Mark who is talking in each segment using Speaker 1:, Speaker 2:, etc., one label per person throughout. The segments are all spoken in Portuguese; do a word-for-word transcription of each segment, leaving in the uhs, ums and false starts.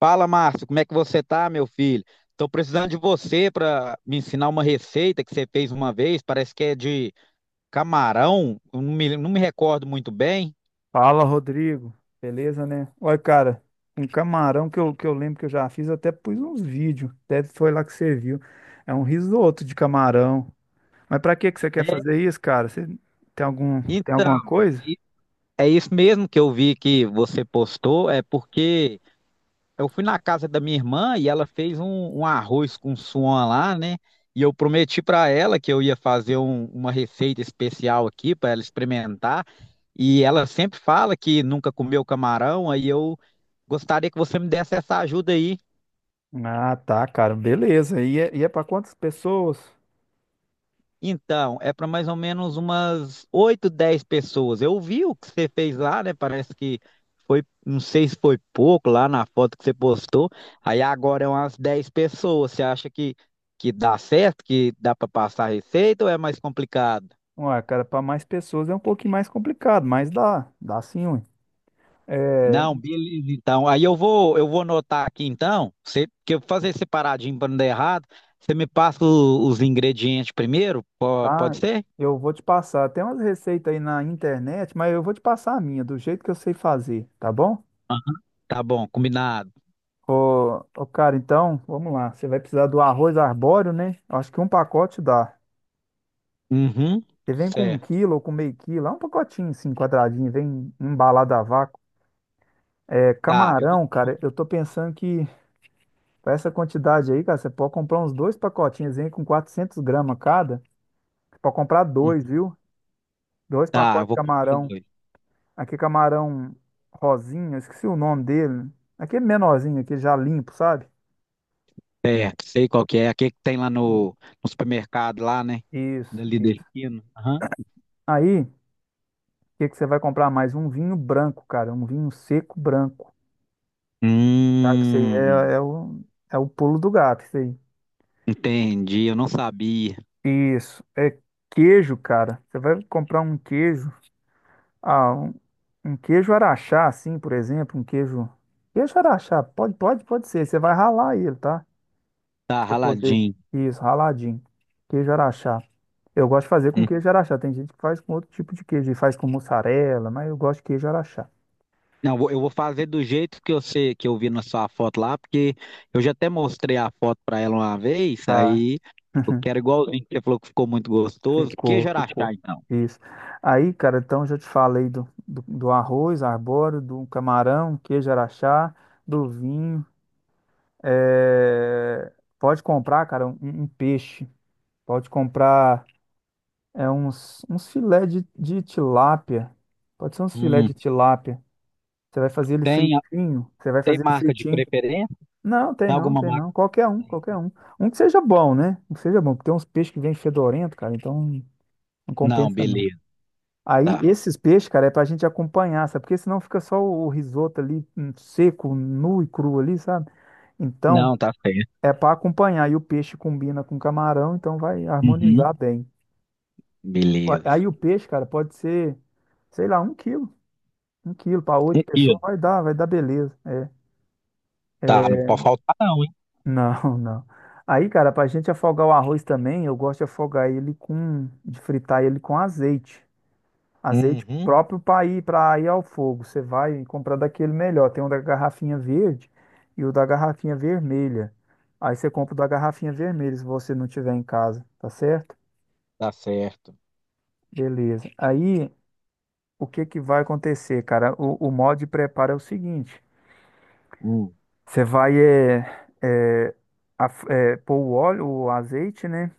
Speaker 1: Fala, Márcio, como é que você tá, meu filho? Tô precisando de você para me ensinar uma receita que você fez uma vez, parece que é de camarão, eu não me, não me recordo muito bem.
Speaker 2: Fala, Rodrigo. Beleza, né? Olha, cara, um camarão que eu, que eu lembro que eu já fiz, eu até pus uns vídeos. Deve foi lá que você viu. É um risoto de camarão. Mas pra que que você quer fazer isso, cara? Você tem algum, tem
Speaker 1: Então,
Speaker 2: alguma coisa?
Speaker 1: i- É isso mesmo que eu vi que você postou, é porque eu fui na casa da minha irmã e ela fez um, um arroz com suan lá, né? E eu prometi para ela que eu ia fazer um- uma receita especial aqui para ela experimentar. E ela sempre fala que nunca comeu camarão, aí eu gostaria que você me desse essa ajuda aí.
Speaker 2: Ah, tá, cara, beleza. E é, e é para quantas pessoas?
Speaker 1: Então, é para mais ou menos umas oito dez pessoas. Eu vi o que você fez lá, né? Parece que foi, não sei se foi pouco lá na foto que você postou. Aí agora é umas dez pessoas. Você acha que, que dá certo, que dá para passar a receita ou é mais complicado?
Speaker 2: Ué, cara, para mais pessoas é um pouquinho mais complicado, mas dá, dá sim, ué. É,
Speaker 1: Não, beleza, então. Aí eu vou, eu vou anotar aqui então, você, que eu vou fazer separadinho para não dar errado. Você me passa o- os ingredientes primeiro? Po-
Speaker 2: tá,
Speaker 1: Pode ser?
Speaker 2: eu vou te passar. Tem umas receitas aí na internet, mas eu vou te passar a minha, do jeito que eu sei fazer, tá bom?
Speaker 1: Tá bom, combinado.
Speaker 2: Ô, ô, cara, então, vamos lá. Você vai precisar do arroz arbóreo, né? Acho que um pacote dá.
Speaker 1: Uhum,
Speaker 2: Você vem com um
Speaker 1: certo.
Speaker 2: quilo ou com meio quilo, é um pacotinho assim, quadradinho, vem embalado a vácuo. É,
Speaker 1: Tá, eu vou,
Speaker 2: camarão,
Speaker 1: vou-
Speaker 2: cara, eu tô pensando que pra essa quantidade aí, cara, você pode comprar uns dois pacotinhos, vem com quatrocentos gramas cada. Você pode comprar dois,
Speaker 1: uhum.
Speaker 2: viu? Dois
Speaker 1: Tá, eu
Speaker 2: pacotes de
Speaker 1: vou comprar
Speaker 2: camarão.
Speaker 1: dois.
Speaker 2: Aqui é camarão rosinha, eu esqueci o nome dele. Aqui é menorzinho, aqui já limpo, sabe?
Speaker 1: Certo, sei qual que é. Aquele que tem lá no, no supermercado lá, né?
Speaker 2: Isso,
Speaker 1: Dali da
Speaker 2: isso.
Speaker 1: esquina. Aham.
Speaker 2: Aí, que que você vai comprar mais? Um vinho branco, cara, um vinho seco branco, tá? Que isso aí
Speaker 1: Hum,
Speaker 2: é, é o, é o pulo do gato, isso aí.
Speaker 1: entendi, eu não sabia.
Speaker 2: Isso, é queijo, cara. Você vai comprar um queijo, ah, um, um queijo araxá, assim, por exemplo, um queijo, queijo araxá, pode, pode, pode ser. Você vai ralar ele, tá?
Speaker 1: Tá
Speaker 2: Pra você poder,
Speaker 1: raladinho.
Speaker 2: isso, raladinho. Queijo araxá. Eu gosto de fazer com
Speaker 1: Hum.
Speaker 2: queijo araxá. Tem gente que faz com outro tipo de queijo, e faz com mussarela, mas eu gosto de queijo araxá,
Speaker 1: Não, eu vou eu vou fazer do jeito que eu sei, que eu vi na sua foto lá, porque eu já até mostrei a foto pra ela uma vez,
Speaker 2: tá?
Speaker 1: aí eu quero igualzinho que você falou que ficou muito gostoso.
Speaker 2: Ficou,
Speaker 1: Queijo Araxá,
Speaker 2: ficou.
Speaker 1: então.
Speaker 2: Isso. Aí, cara, então já te falei do, do, do arroz arbóreo, do camarão, queijo araxá, do vinho. É, pode comprar, cara, um, um peixe. Pode comprar é, uns, uns filé de, de tilápia. Pode ser uns filé
Speaker 1: Hum,
Speaker 2: de tilápia. Você vai fazer ele
Speaker 1: tem,
Speaker 2: fritinho. Você vai
Speaker 1: tem
Speaker 2: fazer ele
Speaker 1: marca de
Speaker 2: fritinho.
Speaker 1: preferência?
Speaker 2: Não, tem
Speaker 1: Tem
Speaker 2: não,
Speaker 1: alguma
Speaker 2: tem
Speaker 1: marca?
Speaker 2: não. Qualquer um, qualquer um. Um que seja bom, né? Um que seja bom, porque tem uns peixes que vêm fedorento, cara, então não
Speaker 1: Não,
Speaker 2: compensa não.
Speaker 1: beleza.
Speaker 2: Aí,
Speaker 1: Tá.
Speaker 2: esses peixes, cara, é pra gente acompanhar, sabe? Porque senão fica só o o risoto ali, hum, seco, nu e cru ali, sabe? Então,
Speaker 1: Não, tá certo.
Speaker 2: é pra acompanhar. E o peixe combina com camarão, então vai
Speaker 1: Uhum.
Speaker 2: harmonizar bem. Ó,
Speaker 1: Beleza.
Speaker 2: aí o peixe, cara, pode ser, sei lá, um quilo. Um quilo para
Speaker 1: Um
Speaker 2: oito pessoas
Speaker 1: quilo.
Speaker 2: vai dar, vai dar beleza. É.
Speaker 1: Tá, não pode faltar não, hein?
Speaker 2: Não, não. Aí, cara, pra gente afogar o arroz também, eu gosto de afogar ele com, de fritar ele com azeite. Azeite
Speaker 1: Uhum.
Speaker 2: próprio para ir, para ir ao fogo. Você vai comprar daquele melhor. Tem um da garrafinha verde e o da garrafinha vermelha. Aí você compra o da garrafinha vermelha se você não tiver em casa, tá certo?
Speaker 1: Tá certo.
Speaker 2: Beleza. Aí o que que vai acontecer, cara? O, o modo de preparo é o seguinte:
Speaker 1: Hum.
Speaker 2: você vai é, é, af- é, pôr o óleo, o azeite, né?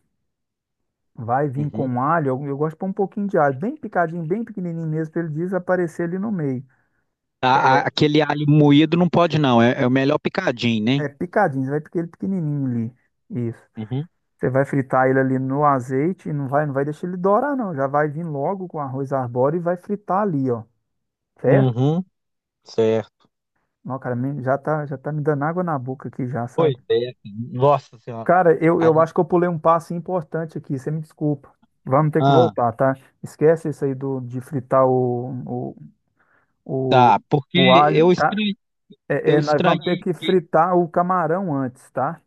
Speaker 2: Vai vir
Speaker 1: Uhum.
Speaker 2: com alho. Eu, eu gosto de pôr um pouquinho de alho, bem picadinho, bem pequenininho mesmo, para ele desaparecer ali no meio.
Speaker 1: A- a- aquele alho moído não pode não, é, é o melhor picadinho, né?
Speaker 2: É picadinho, você vai picar ele pequenininho ali. Isso.
Speaker 1: Uhum.
Speaker 2: Você vai fritar ele ali no azeite, não vai, não vai deixar ele dourar, não. Já vai vir logo com arroz arbóreo e vai fritar ali, ó. Certo?
Speaker 1: Uhum. Certo.
Speaker 2: Não, cara, me- já tá, já tá me dando água na boca aqui já,
Speaker 1: Pois
Speaker 2: sabe?
Speaker 1: é, nossa senhora.
Speaker 2: Cara, eu, eu
Speaker 1: Aí,
Speaker 2: acho que eu pulei um passo importante aqui, você me desculpa. Vamos ter que
Speaker 1: ah,
Speaker 2: voltar, tá? Esquece isso aí do, de fritar o, o, o,
Speaker 1: tá, porque
Speaker 2: o alho,
Speaker 1: eu
Speaker 2: tá?
Speaker 1: estranhei,
Speaker 2: É,
Speaker 1: eu
Speaker 2: é, nós vamos ter
Speaker 1: estranhei
Speaker 2: que
Speaker 1: que.
Speaker 2: fritar o camarão antes, tá?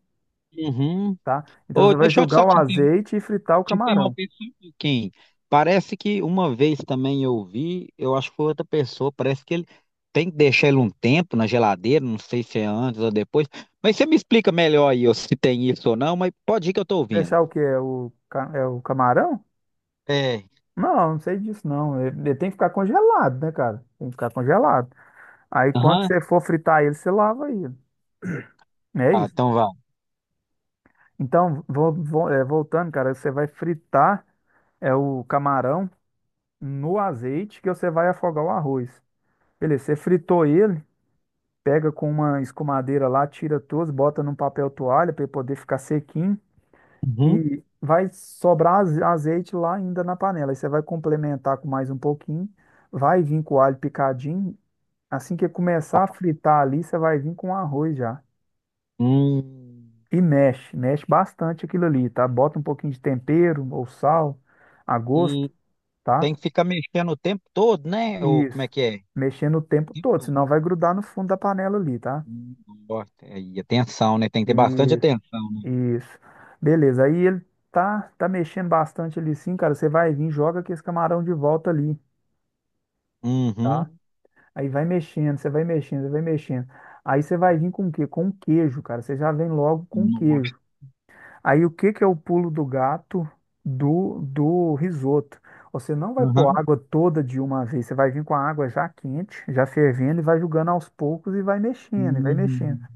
Speaker 1: Uhum.
Speaker 2: Tá? Então
Speaker 1: Ô,
Speaker 2: você vai
Speaker 1: deixa eu
Speaker 2: jogar
Speaker 1: só
Speaker 2: o
Speaker 1: te interromper.
Speaker 2: azeite e fritar o
Speaker 1: Te
Speaker 2: camarão.
Speaker 1: interromper só um pouquinho. Parece que uma vez também eu vi, eu acho que foi outra pessoa, parece que ele tem que deixar ele um tempo na geladeira, não sei se é antes ou depois. Mas você me explica melhor aí ó, se tem isso ou não, mas pode ir que eu tô ouvindo.
Speaker 2: Deixar o quê? É o, ca- é o camarão?
Speaker 1: É.
Speaker 2: Não, não sei disso não. Ele, ele tem que ficar congelado, né, cara? Tem que ficar congelado. Aí quando
Speaker 1: Aham.
Speaker 2: você for fritar ele, você lava ele. É
Speaker 1: Ah,
Speaker 2: isso.
Speaker 1: então vai.
Speaker 2: Então, vo- vo- é, voltando, cara, você vai fritar é o camarão no azeite que você vai afogar o arroz. Beleza, você fritou ele, pega com uma escumadeira lá, tira todos, bota num papel toalha para ele poder ficar sequinho.
Speaker 1: Uhum.
Speaker 2: E vai sobrar aze- azeite lá ainda na panela. Aí você vai complementar com mais um pouquinho. Vai vir com o alho picadinho. Assim que começar a fritar ali, você vai vir com o arroz já.
Speaker 1: Hum.
Speaker 2: E mexe, mexe bastante aquilo ali, tá? Bota um pouquinho de tempero ou sal a gosto,
Speaker 1: E
Speaker 2: tá?
Speaker 1: tem que ficar mexendo o tempo todo, né? Ou como é
Speaker 2: Isso.
Speaker 1: que é? O
Speaker 2: Mexendo o tempo
Speaker 1: tempo
Speaker 2: todo,
Speaker 1: todo.
Speaker 2: senão vai grudar no fundo da panela ali, tá?
Speaker 1: Hum, nossa. E atenção, né? Tem que ter bastante
Speaker 2: Isso,
Speaker 1: atenção.
Speaker 2: isso. Beleza. Aí ele tá, tá mexendo bastante ali sim, cara. Você vai vir, joga aqui esse camarão de volta ali.
Speaker 1: Uhum.
Speaker 2: Tá? Aí vai mexendo, você vai mexendo, você vai mexendo. Aí você vai vir com o quê? Com o queijo, cara. Você já vem logo com o
Speaker 1: Nossa.
Speaker 2: queijo. Aí o que que é o pulo do gato do, do risoto? Você não vai pôr
Speaker 1: Aham.
Speaker 2: água toda de uma vez. Você vai vir com a água já quente, já fervendo, e vai jogando aos poucos e vai mexendo, e vai mexendo,
Speaker 1: Uhum.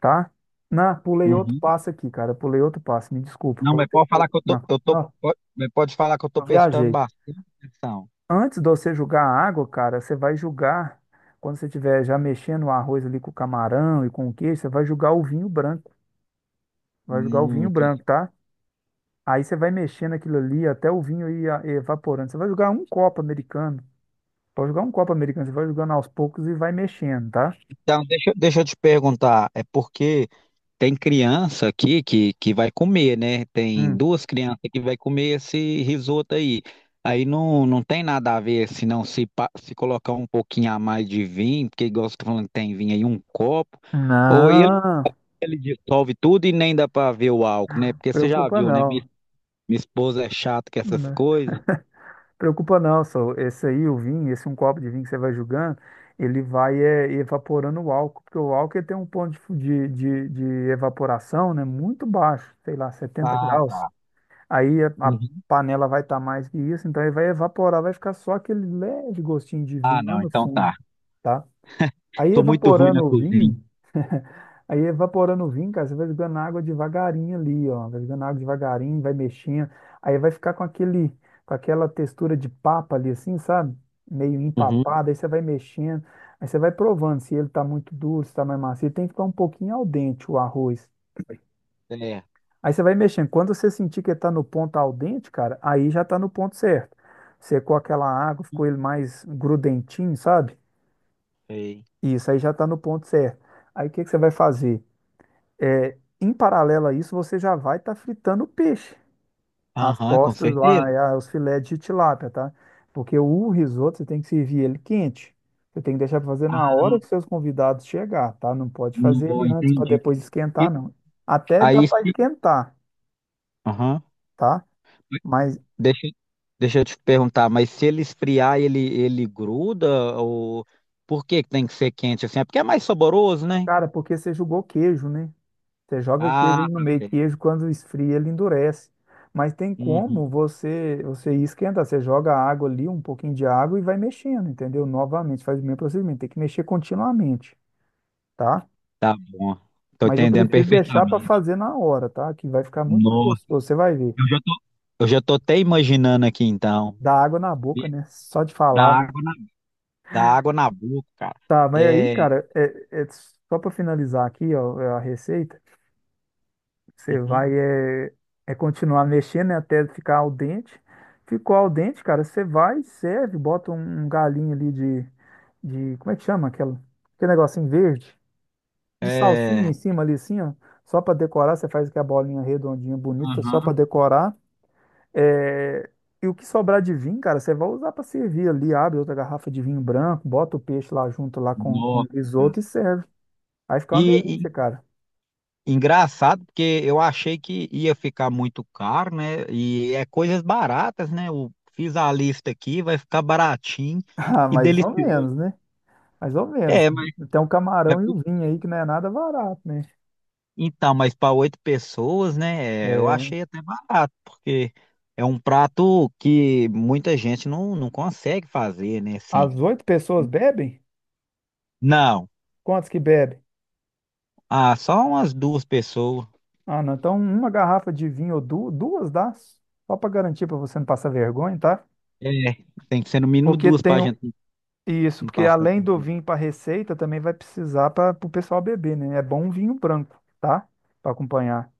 Speaker 2: tá? Não, pulei outro
Speaker 1: Uhum.
Speaker 2: passo aqui, cara. Pulei outro passo. Me desculpa.
Speaker 1: Não, mas
Speaker 2: Voltei.
Speaker 1: pode
Speaker 2: pro-
Speaker 1: falar que eu tô,
Speaker 2: Não,
Speaker 1: eu tô,
Speaker 2: não,
Speaker 1: pode, mas pode falar que eu tô
Speaker 2: eu
Speaker 1: prestando
Speaker 2: viajei.
Speaker 1: bastante atenção.
Speaker 2: Antes de você julgar a água, cara, você vai julgar, quando você estiver já mexendo o arroz ali com o camarão e com o queijo, você vai julgar o vinho branco. Vai julgar o vinho
Speaker 1: Hum,
Speaker 2: branco, tá? Aí você vai mexendo aquilo ali até o vinho ir a- evaporando. Você vai jogar um copo americano. Pode jogar um copo americano, você vai jogando aos poucos e vai mexendo, tá?
Speaker 1: então, deixa, deixa eu te perguntar, é porque tem criança aqui que, que vai comer, né? Tem
Speaker 2: Hum.
Speaker 1: duas crianças que vai comer esse risoto aí. Aí não, não tem nada a ver se não se, pa- se colocar um pouquinho a mais de vinho, porque igual você tá falando que tem vinho aí, um copo, ou ele,
Speaker 2: Não,
Speaker 1: ele dissolve tudo e nem dá para ver o álcool, né? Porque você já
Speaker 2: preocupa
Speaker 1: viu, né? Minha,
Speaker 2: não.
Speaker 1: minha esposa é chata com essas coisas.
Speaker 2: Preocupa não, só esse aí, o vinho, esse um copo de vinho que você vai julgando, ele vai é, evaporando o álcool, porque o álcool ele tem um ponto de, fu- de, de, de evaporação, né, muito baixo, sei lá, setenta
Speaker 1: Ah,
Speaker 2: graus. Aí a, a
Speaker 1: uhum.
Speaker 2: panela vai estar mais que isso, então ele vai evaporar, vai ficar só aquele leve gostinho de
Speaker 1: Ah,
Speaker 2: vinho lá
Speaker 1: não,
Speaker 2: no
Speaker 1: então
Speaker 2: fundo,
Speaker 1: tá.
Speaker 2: tá? Aí
Speaker 1: Sou muito ruim
Speaker 2: evaporando
Speaker 1: na
Speaker 2: o
Speaker 1: cozinha.
Speaker 2: vinho, Aí evaporando o vinho, cara, você vai jogando água devagarinho ali, ó. Vai jogando água devagarinho, vai mexendo. Aí vai ficar com aquele, com aquela textura de papa ali, assim, sabe? Meio
Speaker 1: Uhum.
Speaker 2: empapada. Aí você vai mexendo. Aí você vai provando se ele tá muito duro, se tá mais macio. Tem que ficar um pouquinho al dente o arroz.
Speaker 1: É.
Speaker 2: Aí você vai mexendo. Quando você sentir que ele tá no ponto al dente, cara, aí já tá no ponto certo. Secou aquela água, ficou ele mais grudentinho, sabe?
Speaker 1: Sei.
Speaker 2: Isso aí já tá no ponto certo. Aí o que que você vai fazer? É, em paralelo a isso, você já vai estar fritando o peixe. As
Speaker 1: Aham, com
Speaker 2: postas
Speaker 1: certeza.
Speaker 2: lá, é, a- os filés de tilápia, tá? Porque o risoto você tem que servir ele quente. Você tem que deixar para fazer na
Speaker 1: Ah,
Speaker 2: hora que seus convidados chegar, tá? Não pode fazer
Speaker 1: não,
Speaker 2: ele antes para
Speaker 1: entendi.
Speaker 2: depois
Speaker 1: E
Speaker 2: esquentar, não. Até dá
Speaker 1: aí
Speaker 2: para
Speaker 1: se.
Speaker 2: esquentar,
Speaker 1: Aham.
Speaker 2: tá? Mas,
Speaker 1: Deixa, deixa eu te perguntar, mas se ele esfriar, ele, ele gruda? Ou por que que tem que ser quente assim? É porque é mais saboroso, né?
Speaker 2: cara, porque você jogou queijo, né? Você joga queijo
Speaker 1: Ah,
Speaker 2: ali no
Speaker 1: tá
Speaker 2: meio,
Speaker 1: certo.
Speaker 2: queijo quando esfria ele endurece. Mas tem como
Speaker 1: Uhum.
Speaker 2: você você esquentar, você joga água ali, um pouquinho de água e vai mexendo, entendeu? Novamente, faz o mesmo procedimento, tem que mexer continuamente, tá?
Speaker 1: Tá bom. Tô
Speaker 2: Mas eu
Speaker 1: entendendo
Speaker 2: prefiro deixar para
Speaker 1: perfeitamente.
Speaker 2: fazer na hora, tá? Que vai ficar muito mais
Speaker 1: Nossa,
Speaker 2: gostoso, você vai ver.
Speaker 1: eu já tô. Eu já tô até imaginando aqui então.
Speaker 2: Dá água na
Speaker 1: Be-
Speaker 2: boca, né? Só de
Speaker 1: Dá
Speaker 2: falar, né?
Speaker 1: água na, dá água na boca, cara.
Speaker 2: Tá, mas aí,
Speaker 1: É.
Speaker 2: cara, é, é só para finalizar aqui, ó, a receita. Você
Speaker 1: Uhum.
Speaker 2: vai é, é continuar mexendo, né, até ficar al dente. Ficou al dente, cara, você vai, serve, bota um um galinho ali de, de, como é que chama aquela? Aquele negocinho verde, de salsinha
Speaker 1: É.
Speaker 2: em cima ali assim, ó, só para decorar, você faz aquela bolinha redondinha bonita, só
Speaker 1: Aham.
Speaker 2: para decorar. É, e o que sobrar de vinho, cara, você vai usar para servir ali, abre outra garrafa de vinho branco, bota o peixe lá junto lá com, com o
Speaker 1: Nossa, cara.
Speaker 2: risoto e serve. Aí fica uma
Speaker 1: e, e
Speaker 2: delícia, cara.
Speaker 1: engraçado, porque eu achei que ia ficar muito caro, né? E é coisas baratas, né? Eu fiz a lista aqui, vai ficar baratinho
Speaker 2: Ah,
Speaker 1: e
Speaker 2: mais ou
Speaker 1: delicioso.
Speaker 2: menos, né? Mais ou menos.
Speaker 1: É, mas,
Speaker 2: Tem um
Speaker 1: mas-
Speaker 2: camarão e o vinho aí que não é nada barato, né?
Speaker 1: então, mas para oito pessoas, né? É, eu
Speaker 2: É,
Speaker 1: achei até barato, porque é um prato que muita gente não, não consegue fazer, né? Assim,
Speaker 2: as oito pessoas bebem?
Speaker 1: não,
Speaker 2: Quantos que bebem?
Speaker 1: ah, só umas duas pessoas.
Speaker 2: Ah, não. Então, uma garrafa de vinho ou du- duas dá? Só para garantir para você não passar vergonha, tá?
Speaker 1: É, tem que ser no mínimo
Speaker 2: Porque
Speaker 1: duas
Speaker 2: tem
Speaker 1: para
Speaker 2: o-
Speaker 1: gente.
Speaker 2: isso,
Speaker 1: Não
Speaker 2: porque
Speaker 1: passa
Speaker 2: além do
Speaker 1: vergonha.
Speaker 2: vinho para receita, também vai precisar para o pessoal beber, né? É bom um vinho branco, tá? Para acompanhar.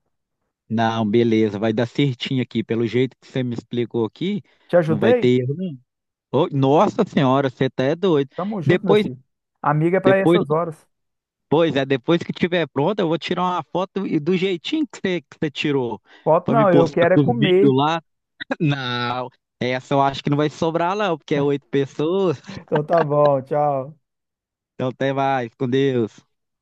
Speaker 1: Não, beleza, vai dar certinho aqui. Pelo jeito que você me explicou aqui,
Speaker 2: Te
Speaker 1: não vai
Speaker 2: ajudei?
Speaker 1: ter erro, não. Ô, nossa senhora, você tá é doido.
Speaker 2: Tamo junto, meu
Speaker 1: Depois,
Speaker 2: filho. Amiga é para
Speaker 1: depois,
Speaker 2: essas horas.
Speaker 1: pois é, depois que tiver pronto, eu vou tirar uma foto e do jeitinho que você, que você tirou,
Speaker 2: Foto
Speaker 1: pra me
Speaker 2: não, eu
Speaker 1: postar
Speaker 2: quero é
Speaker 1: com os
Speaker 2: comer.
Speaker 1: vídeos lá. Não, essa eu acho que não vai sobrar, não, porque é oito pessoas.
Speaker 2: Então tá bom, tchau.
Speaker 1: Então até mais, com Deus.